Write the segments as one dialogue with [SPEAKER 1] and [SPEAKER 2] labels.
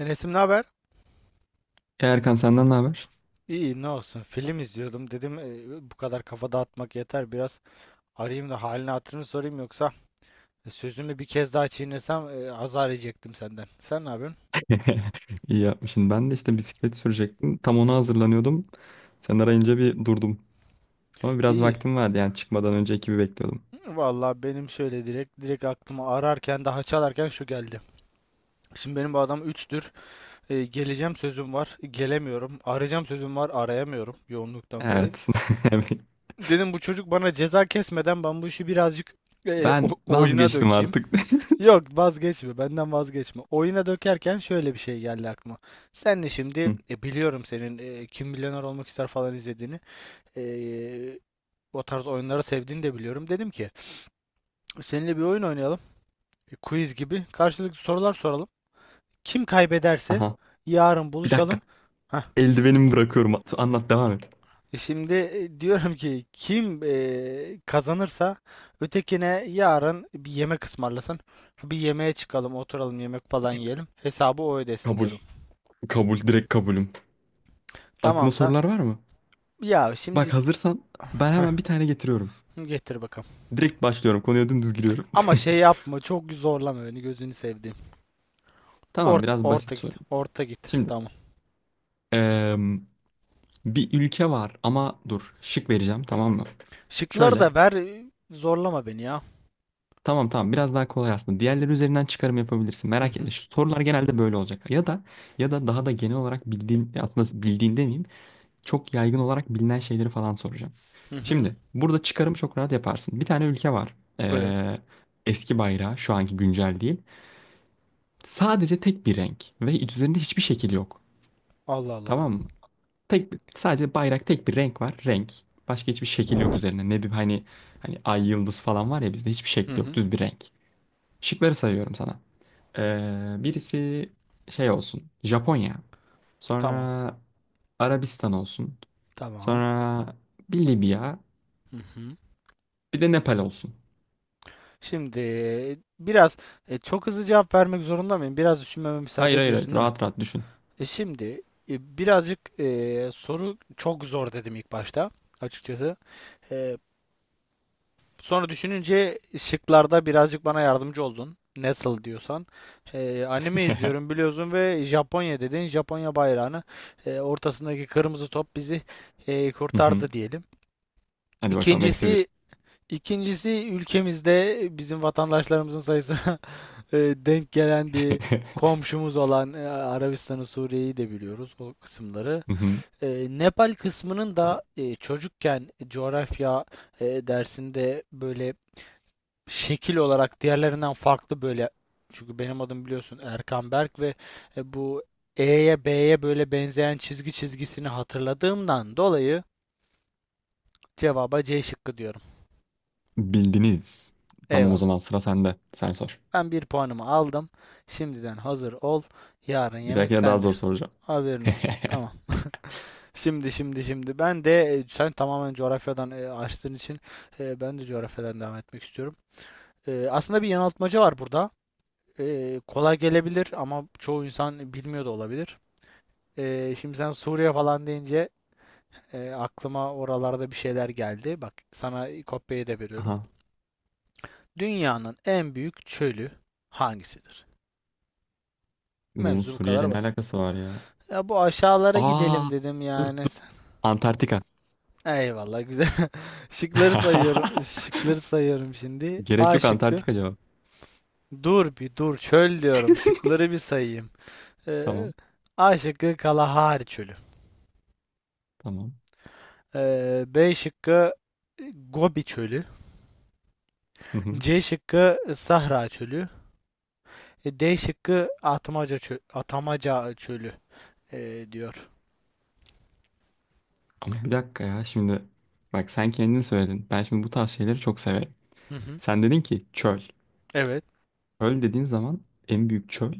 [SPEAKER 1] Enes'im ne haber?
[SPEAKER 2] Erkan senden ne haber?
[SPEAKER 1] İyi, ne olsun, film izliyordum, dedim bu kadar kafa dağıtmak yeter, biraz arayayım da halini hatırını sorayım, yoksa sözümü bir kez daha çiğnesem azar yiyecektim senden. Sen ne yapıyorsun?
[SPEAKER 2] İyi yapmışsın. Ben de işte bisiklet sürecektim. Tam ona hazırlanıyordum. Sen arayınca bir durdum. Ama biraz
[SPEAKER 1] İyi.
[SPEAKER 2] vaktim vardı yani çıkmadan önce ekibi bekliyordum.
[SPEAKER 1] Vallahi benim şöyle direkt aklıma, ararken daha çalarken şu geldi: şimdi benim bu adam 3'tür, geleceğim sözüm var, gelemiyorum; arayacağım sözüm var, arayamıyorum, yoğunluktan dolayı.
[SPEAKER 2] Evet.
[SPEAKER 1] Dedim, bu çocuk bana ceza kesmeden ben bu işi birazcık
[SPEAKER 2] Ben
[SPEAKER 1] oyuna
[SPEAKER 2] vazgeçtim
[SPEAKER 1] dökeyim.
[SPEAKER 2] artık.
[SPEAKER 1] Yok, vazgeçme. Benden vazgeçme. Oyuna dökerken şöyle bir şey geldi aklıma. Sen de şimdi,
[SPEAKER 2] Hı.
[SPEAKER 1] biliyorum, senin Kim Milyoner Olmak ister falan izlediğini. e, O tarz oyunları sevdiğini de biliyorum. Dedim ki seninle bir oyun oynayalım. E, quiz gibi. Karşılıklı sorular soralım. Kim kaybederse
[SPEAKER 2] Aha.
[SPEAKER 1] yarın
[SPEAKER 2] Bir dakika.
[SPEAKER 1] buluşalım. Hah.
[SPEAKER 2] Eldivenimi bırakıyorum. Anlat devam et.
[SPEAKER 1] Şimdi diyorum ki kim kazanırsa ötekine yarın bir yemek ısmarlasın. Bir yemeğe çıkalım, oturalım, yemek falan yiyelim. Hesabı o ödesin
[SPEAKER 2] Kabul.
[SPEAKER 1] diyorum.
[SPEAKER 2] Kabul. Direkt kabulüm. Aklına
[SPEAKER 1] Tamamsa.
[SPEAKER 2] sorular var mı?
[SPEAKER 1] Ya
[SPEAKER 2] Bak
[SPEAKER 1] şimdi.
[SPEAKER 2] hazırsan ben
[SPEAKER 1] Heh,
[SPEAKER 2] hemen bir tane getiriyorum.
[SPEAKER 1] getir bakalım.
[SPEAKER 2] Direkt başlıyorum. Konuya dümdüz giriyorum.
[SPEAKER 1] Ama şey yapma, çok zorlama beni, gözünü sevdiğim.
[SPEAKER 2] Tamam biraz
[SPEAKER 1] Orta
[SPEAKER 2] basit
[SPEAKER 1] git.
[SPEAKER 2] sorayım.
[SPEAKER 1] Orta git.
[SPEAKER 2] Şimdi.
[SPEAKER 1] Tamam.
[SPEAKER 2] eee Bir ülke var ama dur şık vereceğim tamam mı?
[SPEAKER 1] Şıkları
[SPEAKER 2] Şöyle.
[SPEAKER 1] da ver, zorlama beni ya.
[SPEAKER 2] Tamam tamam biraz daha kolay aslında. Diğerleri üzerinden çıkarım yapabilirsin.
[SPEAKER 1] Hı
[SPEAKER 2] Merak etme.
[SPEAKER 1] hı.
[SPEAKER 2] Şu sorular genelde böyle olacak. Ya da daha da genel olarak bildiğin aslında bildiğin demeyeyim. Çok yaygın olarak bilinen şeyleri falan soracağım.
[SPEAKER 1] Hı hı.
[SPEAKER 2] Şimdi burada çıkarım çok rahat yaparsın. Bir tane ülke var.
[SPEAKER 1] Evet.
[SPEAKER 2] Eski bayrağı şu anki güncel değil. Sadece tek bir renk ve üzerinde hiçbir şekil yok.
[SPEAKER 1] Allah Allah.
[SPEAKER 2] Tamam. Sadece bayrak tek bir renk var. Renk. Başka hiçbir şekil yok üzerine. Ne diyeyim hani hani ay yıldız falan var ya bizde hiçbir
[SPEAKER 1] Hı
[SPEAKER 2] şekli yok.
[SPEAKER 1] hı.
[SPEAKER 2] Düz bir renk. Şıkları sayıyorum sana. Birisi şey olsun. Japonya.
[SPEAKER 1] Tamam.
[SPEAKER 2] Sonra Arabistan olsun.
[SPEAKER 1] Tamam.
[SPEAKER 2] Sonra bir Libya.
[SPEAKER 1] Hı hı.
[SPEAKER 2] Bir de Nepal olsun.
[SPEAKER 1] Şimdi biraz, çok hızlı cevap vermek zorunda mıyım? Biraz düşünmeme müsaade
[SPEAKER 2] Hayır, hayır, hayır.
[SPEAKER 1] ediyorsun, değil mi?
[SPEAKER 2] Rahat rahat düşün.
[SPEAKER 1] Şimdi birazcık, soru çok zor dedim ilk başta, açıkçası. E, Sonra düşününce şıklarda birazcık bana yardımcı oldun, nasıl diyorsan. Anime izliyorum biliyorsun ve Japonya dedin. Japonya bayrağını, ortasındaki kırmızı top bizi
[SPEAKER 2] Hı hı.
[SPEAKER 1] kurtardı diyelim.
[SPEAKER 2] Hadi bakalım eksi
[SPEAKER 1] İkincisi
[SPEAKER 2] bir.
[SPEAKER 1] ikincisi, ülkemizde bizim vatandaşlarımızın sayısına denk gelen bir komşumuz olan Arabistan'ı, Suriye'yi de biliyoruz, o kısımları.
[SPEAKER 2] Hı hı.
[SPEAKER 1] E, Nepal kısmının da, çocukken coğrafya dersinde böyle şekil olarak diğerlerinden farklı, böyle, çünkü benim adım biliyorsun Erkan Berk ve bu E'ye B'ye böyle benzeyen çizgi çizgisini hatırladığımdan dolayı cevaba C şıkkı diyorum.
[SPEAKER 2] Bildiniz. Tamam o
[SPEAKER 1] Eyvallah.
[SPEAKER 2] zaman sıra sende. Sen sor.
[SPEAKER 1] Ben bir puanımı aldım. Şimdiden hazır ol. Yarın
[SPEAKER 2] Bir
[SPEAKER 1] yemek
[SPEAKER 2] dahakine daha
[SPEAKER 1] sende.
[SPEAKER 2] zor soracağım.
[SPEAKER 1] Haberin olsun. Tamam. Şimdi, ben de, sen tamamen coğrafyadan açtığın için ben de coğrafyadan devam etmek istiyorum. Aslında bir yanıltmaca var burada. Kolay gelebilir ama çoğu insan bilmiyor da olabilir. Şimdi sen Suriye falan deyince aklıma oralarda bir şeyler geldi. Bak, sana kopyayı da veriyorum.
[SPEAKER 2] Aha.
[SPEAKER 1] Dünyanın en büyük çölü hangisidir?
[SPEAKER 2] Bunun
[SPEAKER 1] Mevzu bu
[SPEAKER 2] Suriye
[SPEAKER 1] kadar
[SPEAKER 2] ile ne
[SPEAKER 1] basit.
[SPEAKER 2] alakası var ya?
[SPEAKER 1] Ya bu aşağılara gidelim
[SPEAKER 2] Aa,
[SPEAKER 1] dedim yani.
[SPEAKER 2] dur. Antarktika.
[SPEAKER 1] Eyvallah, güzel. Şıkları sayıyorum. Şıkları sayıyorum şimdi.
[SPEAKER 2] Gerek
[SPEAKER 1] A
[SPEAKER 2] yok
[SPEAKER 1] şıkkı.
[SPEAKER 2] Antarktika cevap.
[SPEAKER 1] Dur bir dur, çöl diyorum. Şıkları bir sayayım. Ee,
[SPEAKER 2] Tamam,
[SPEAKER 1] A şıkkı Kalahari Çölü.
[SPEAKER 2] tamam.
[SPEAKER 1] B şıkkı Gobi Çölü.
[SPEAKER 2] Hı hı.
[SPEAKER 1] C şıkkı Sahra Çölü. E, D şıkkı Atmaca çö Atamaca çölü diyor.
[SPEAKER 2] Ama bir dakika ya şimdi bak sen kendin söyledin. Ben şimdi bu tarz şeyleri çok severim.
[SPEAKER 1] Hı hı.
[SPEAKER 2] Sen dedin ki çöl.
[SPEAKER 1] Evet.
[SPEAKER 2] Çöl dediğin zaman en büyük çöl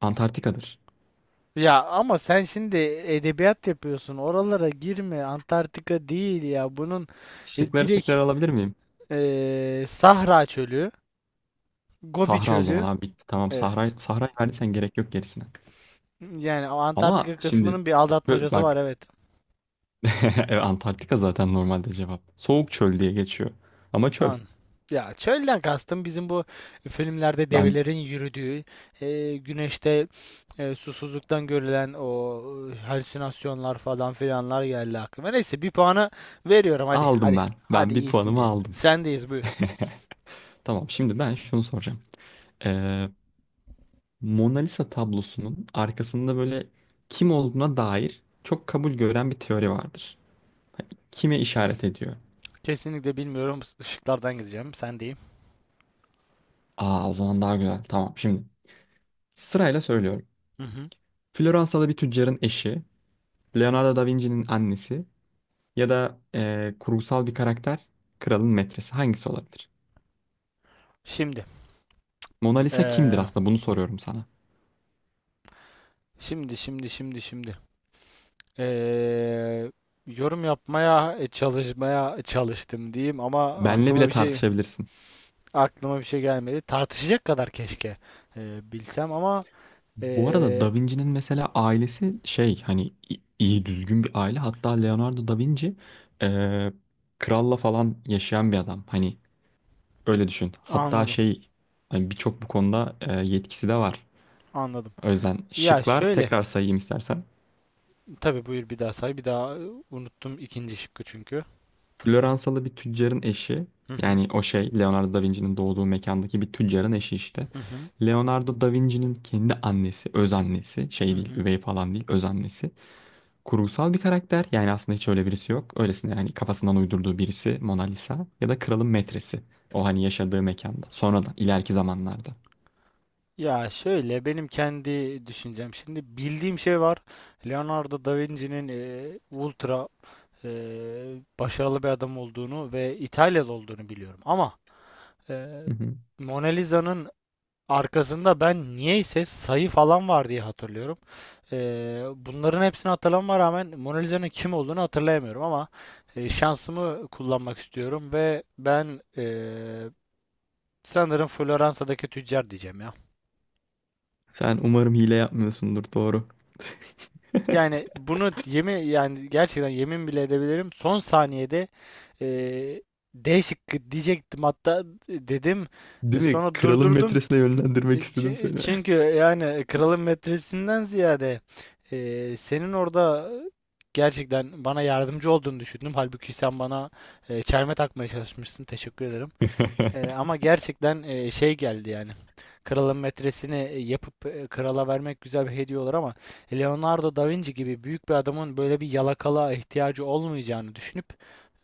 [SPEAKER 2] Antarktika'dır.
[SPEAKER 1] Ya ama sen şimdi edebiyat yapıyorsun. Oralara girme. Antarktika değil ya. Bunun
[SPEAKER 2] Şıkları
[SPEAKER 1] direkt
[SPEAKER 2] tekrar alabilir miyim?
[SPEAKER 1] Sahra çölü, Gobi
[SPEAKER 2] Sahra o zaman
[SPEAKER 1] çölü.
[SPEAKER 2] abi bitti. Tamam
[SPEAKER 1] Evet.
[SPEAKER 2] Sahra Sahra'yı verdiysen gerek yok gerisine.
[SPEAKER 1] Yani o Antarktika
[SPEAKER 2] Ama şimdi
[SPEAKER 1] kısmının bir aldatmacası var,
[SPEAKER 2] bak
[SPEAKER 1] evet.
[SPEAKER 2] evet, Antarktika zaten normalde cevap. Soğuk çöl diye geçiyor. Ama çöl.
[SPEAKER 1] An. Ya çölden kastım bizim bu filmlerde
[SPEAKER 2] Ben
[SPEAKER 1] develerin yürüdüğü, güneşte susuzluktan görülen o halüsinasyonlar falan filanlar geldi aklıma. Neyse, bir puanı veriyorum, hadi
[SPEAKER 2] aldım
[SPEAKER 1] hadi.
[SPEAKER 2] ben.
[SPEAKER 1] Hadi,
[SPEAKER 2] Ben bir
[SPEAKER 1] iyisin
[SPEAKER 2] puanımı
[SPEAKER 1] diyelim.
[SPEAKER 2] aldım.
[SPEAKER 1] Sendeyiz, buyur.
[SPEAKER 2] Tamam şimdi ben şunu soracağım. Ee, Mona Lisa tablosunun arkasında böyle kim olduğuna dair çok kabul gören bir teori vardır. Kime işaret ediyor?
[SPEAKER 1] Kesinlikle bilmiyorum. Işıklardan gideceğim. Sendeyim.
[SPEAKER 2] Aa o zaman daha güzel. Tamam şimdi sırayla söylüyorum.
[SPEAKER 1] Hı hı.
[SPEAKER 2] Floransalı bir tüccarın eşi, Leonardo da Vinci'nin annesi ya da kurgusal bir karakter, kralın metresi, hangisi olabilir?
[SPEAKER 1] Şimdi.
[SPEAKER 2] Mona Lisa kimdir
[SPEAKER 1] e,
[SPEAKER 2] aslında bunu soruyorum sana.
[SPEAKER 1] şimdi. E, Yorum yapmaya çalışmaya çalıştım diyeyim ama
[SPEAKER 2] Benle
[SPEAKER 1] aklıma
[SPEAKER 2] bile
[SPEAKER 1] bir şey.
[SPEAKER 2] tartışabilirsin.
[SPEAKER 1] Aklıma bir şey gelmedi. Tartışacak kadar keşke bilsem ama
[SPEAKER 2] Bu arada
[SPEAKER 1] e,
[SPEAKER 2] Da Vinci'nin mesela ailesi şey hani iyi düzgün bir aile. Hatta Leonardo Da Vinci eee, kralla falan yaşayan bir adam. Hani öyle düşün. Hatta
[SPEAKER 1] anladım.
[SPEAKER 2] şey hani birçok bu konuda yetkisi de var.
[SPEAKER 1] Anladım.
[SPEAKER 2] O yüzden
[SPEAKER 1] Ya
[SPEAKER 2] şıklar
[SPEAKER 1] şöyle.
[SPEAKER 2] tekrar sayayım istersen.
[SPEAKER 1] Tabii, buyur, bir daha say. Bir daha, unuttum ikinci şıkkı çünkü.
[SPEAKER 2] Floransalı bir tüccarın eşi.
[SPEAKER 1] Hı hı.
[SPEAKER 2] Yani o şey Leonardo Da Vinci'nin doğduğu mekandaki bir tüccarın eşi işte.
[SPEAKER 1] Hı hı.
[SPEAKER 2] Leonardo Da Vinci'nin kendi annesi, öz annesi
[SPEAKER 1] Hı
[SPEAKER 2] şey değil,
[SPEAKER 1] hı.
[SPEAKER 2] üvey falan değil, öz annesi. Kurgusal bir karakter. Yani aslında hiç öyle birisi yok. Öylesine yani kafasından uydurduğu birisi Mona Lisa ya da kralın metresi. O hani yaşadığı mekanda. Sonradan ileriki zamanlarda.
[SPEAKER 1] Ya şöyle, benim kendi düşüncem. Şimdi bildiğim şey var. Leonardo da Vinci'nin ultra e, başarılı bir adam olduğunu ve İtalyalı olduğunu biliyorum. Ama e,
[SPEAKER 2] Hı hı.
[SPEAKER 1] Mona Lisa'nın arkasında ben niyeyse sayı falan var diye hatırlıyorum. Bunların hepsini hatırlamama rağmen Mona Lisa'nın kim olduğunu hatırlayamıyorum ama şansımı kullanmak istiyorum ve ben, sanırım Floransa'daki tüccar diyeceğim ya.
[SPEAKER 2] Sen umarım hile yapmıyorsundur doğru.
[SPEAKER 1] Yani bunu yemin, yani gerçekten yemin bile edebilirim. Son saniyede e, D şıkkı diyecektim hatta, dedim,
[SPEAKER 2] Değil mi?
[SPEAKER 1] sonra
[SPEAKER 2] Kralın
[SPEAKER 1] durdurdum.
[SPEAKER 2] metresine yönlendirmek istedim seni.
[SPEAKER 1] Çünkü yani kralın metresinden ziyade senin orada gerçekten bana yardımcı olduğunu düşündüm. Halbuki sen bana çelme takmaya çalışmışsın. Teşekkür ederim. Ama gerçekten şey geldi yani. Kralın metresini yapıp krala vermek güzel bir hediye olur ama Leonardo da Vinci gibi büyük bir adamın böyle bir yalakalığa ihtiyacı olmayacağını düşünüp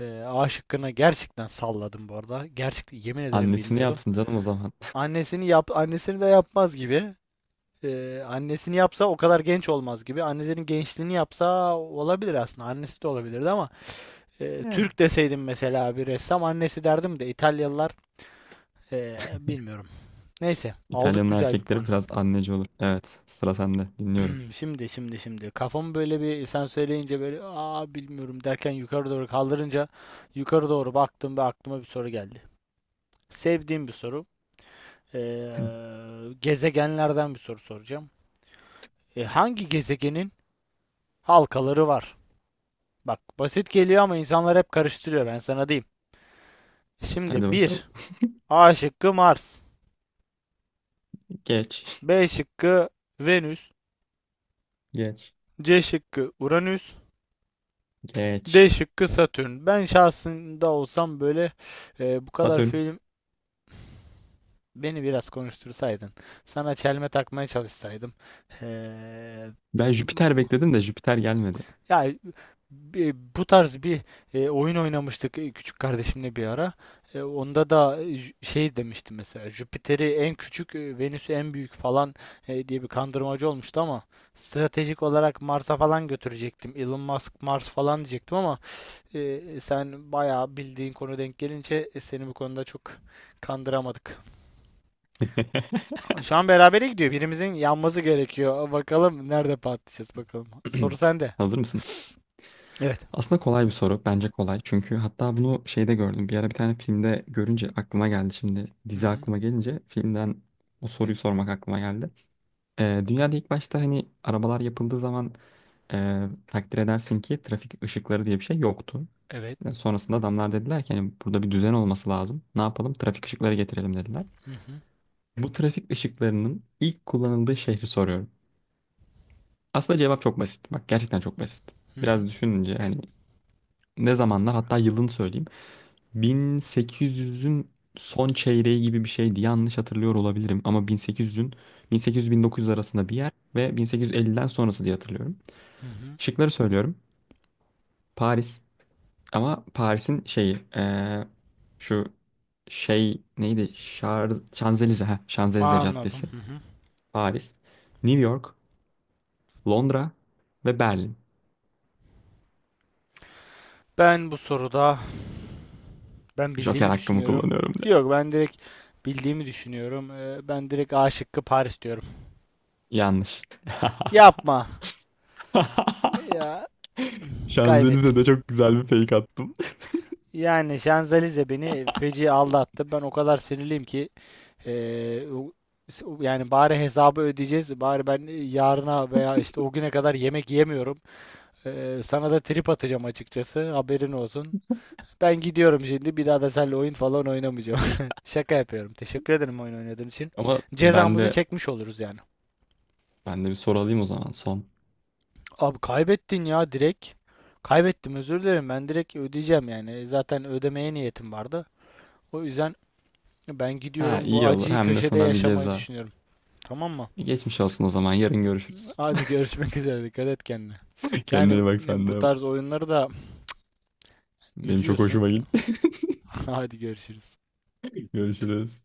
[SPEAKER 1] A şıkkını gerçekten salladım bu arada. Gerçekten yemin ederim,
[SPEAKER 2] Annesini
[SPEAKER 1] bilmiyordum.
[SPEAKER 2] yapsın canım o zaman.
[SPEAKER 1] Annesini yap, annesini de yapmaz gibi. Annesini yapsa o kadar genç olmaz gibi. Annesinin gençliğini yapsa olabilir aslında. Annesi de olabilirdi ama
[SPEAKER 2] Yani.
[SPEAKER 1] Türk deseydim mesela bir ressam annesi derdim de İtalyalılar, bilmiyorum. Neyse, aldık
[SPEAKER 2] İtalyan'ın
[SPEAKER 1] güzel bir
[SPEAKER 2] erkekleri
[SPEAKER 1] puanı.
[SPEAKER 2] biraz anneci olur. Evet, sıra sende. Dinliyorum.
[SPEAKER 1] Hmm. Şimdi kafamı böyle bir, sen söyleyince, böyle "aa bilmiyorum" derken yukarı doğru kaldırınca yukarı doğru baktım ve aklıma bir soru geldi. Sevdiğim bir soru. Ee,
[SPEAKER 2] Hı.
[SPEAKER 1] gezegenlerden bir soru soracağım. E, hangi gezegenin halkaları var? Bak basit geliyor ama insanlar hep karıştırıyor, ben sana diyeyim.
[SPEAKER 2] Hadi
[SPEAKER 1] Şimdi
[SPEAKER 2] bakalım.
[SPEAKER 1] bir, A şıkkı Mars.
[SPEAKER 2] Geç.
[SPEAKER 1] B şıkkı Venüs.
[SPEAKER 2] Geç.
[SPEAKER 1] C şıkkı Uranüs. D
[SPEAKER 2] Geç.
[SPEAKER 1] şıkkı Satürn. Ben şahsında olsam böyle, bu kadar
[SPEAKER 2] Satürn.
[SPEAKER 1] film beni biraz konuştursaydın. Sana çelme takmaya çalışsaydım. e,
[SPEAKER 2] Ben Jüpiter bekledim de Jüpiter gelmedi.
[SPEAKER 1] Ya bu tarz bir oyun oynamıştık küçük kardeşimle bir ara. Onda da şey demişti mesela: Jüpiter'i en küçük, Venüs'ü en büyük falan diye bir kandırmacı olmuştu ama stratejik olarak Mars'a falan götürecektim. Elon Musk, Mars falan diyecektim ama sen bayağı bildiğin konu denk gelince seni bu konuda çok kandıramadık. Şu an berabere gidiyor. Birimizin yanması gerekiyor. Bakalım nerede patlayacağız, bakalım. Soru sende.
[SPEAKER 2] Hazır mısın?
[SPEAKER 1] Evet.
[SPEAKER 2] Aslında kolay bir soru. Bence kolay. Çünkü hatta bunu şeyde gördüm. Bir ara bir tane filmde görünce aklıma geldi. Şimdi
[SPEAKER 1] Hı
[SPEAKER 2] dizi
[SPEAKER 1] hı.
[SPEAKER 2] aklıma gelince filmden o soruyu sormak aklıma geldi. Dünyada ilk başta hani arabalar yapıldığı zaman takdir edersin ki trafik ışıkları diye bir şey yoktu.
[SPEAKER 1] Evet.
[SPEAKER 2] Yani sonrasında adamlar dediler ki hani burada bir düzen olması lazım. Ne yapalım? Trafik ışıkları getirelim dediler.
[SPEAKER 1] Hı hı.
[SPEAKER 2] Bu trafik ışıklarının ilk kullanıldığı şehri soruyorum. Aslında cevap çok basit. Bak gerçekten çok basit.
[SPEAKER 1] Hı hı.
[SPEAKER 2] Biraz düşününce hani ne zamanlar hatta yılını söyleyeyim. 1800'ün son çeyreği gibi bir şeydi. Yanlış hatırlıyor olabilirim ama 1800'ün 1800-1900 arasında bir yer ve 1850'den sonrası diye hatırlıyorum.
[SPEAKER 1] Hı hı.
[SPEAKER 2] Şıkları söylüyorum. Paris ama Paris'in şeyi şu şey neydi? Şanzelize ha Şanzelize
[SPEAKER 1] Anladım.
[SPEAKER 2] Caddesi.
[SPEAKER 1] Hı hı.
[SPEAKER 2] Paris, New York, Londra ve Berlin.
[SPEAKER 1] Ben bu soruda, ben
[SPEAKER 2] Joker
[SPEAKER 1] bildiğimi
[SPEAKER 2] hakkımı
[SPEAKER 1] düşünüyorum.
[SPEAKER 2] kullanıyorum diye.
[SPEAKER 1] Yok, ben direkt bildiğimi düşünüyorum. Ben direkt A şıkkı Paris diyorum.
[SPEAKER 2] Yanlış.
[SPEAKER 1] Yapma. Ya kaybettim.
[SPEAKER 2] Şanzelize'de çok güzel bir fake attım.
[SPEAKER 1] Yani Şanzelize beni feci aldattı. Ben o kadar sinirliyim ki, ee, o- yani bari hesabı ödeyeceğiz. Bari ben yarına veya işte o güne kadar yemek yemiyorum. Sana da trip atacağım, açıkçası. Haberin olsun. Ben gidiyorum şimdi. Bir daha da seninle oyun falan oynamayacağım. Şaka yapıyorum. Teşekkür ederim oyun oynadığın için.
[SPEAKER 2] Ama ben
[SPEAKER 1] Cezamızı
[SPEAKER 2] de
[SPEAKER 1] çekmiş oluruz yani.
[SPEAKER 2] ben de bir soru alayım o zaman son.
[SPEAKER 1] Abi kaybettin ya direkt. Kaybettim, özür dilerim. Ben direkt ödeyeceğim yani. Zaten ödemeye niyetim vardı. O yüzden ben
[SPEAKER 2] Ha
[SPEAKER 1] gidiyorum, bu
[SPEAKER 2] iyi olur
[SPEAKER 1] acıyı
[SPEAKER 2] hem de
[SPEAKER 1] köşede
[SPEAKER 2] sana bir
[SPEAKER 1] yaşamayı
[SPEAKER 2] ceza.
[SPEAKER 1] düşünüyorum. Tamam mı?
[SPEAKER 2] Geçmiş olsun o zaman yarın görüşürüz.
[SPEAKER 1] Hadi görüşmek üzere. Dikkat et kendine.
[SPEAKER 2] Kendine
[SPEAKER 1] Yani
[SPEAKER 2] iyi bak sen
[SPEAKER 1] bu
[SPEAKER 2] de.
[SPEAKER 1] tarz oyunları da
[SPEAKER 2] Benim çok
[SPEAKER 1] üzüyorsun.
[SPEAKER 2] hoşuma gitti.
[SPEAKER 1] Hadi görüşürüz.
[SPEAKER 2] Görüşürüz.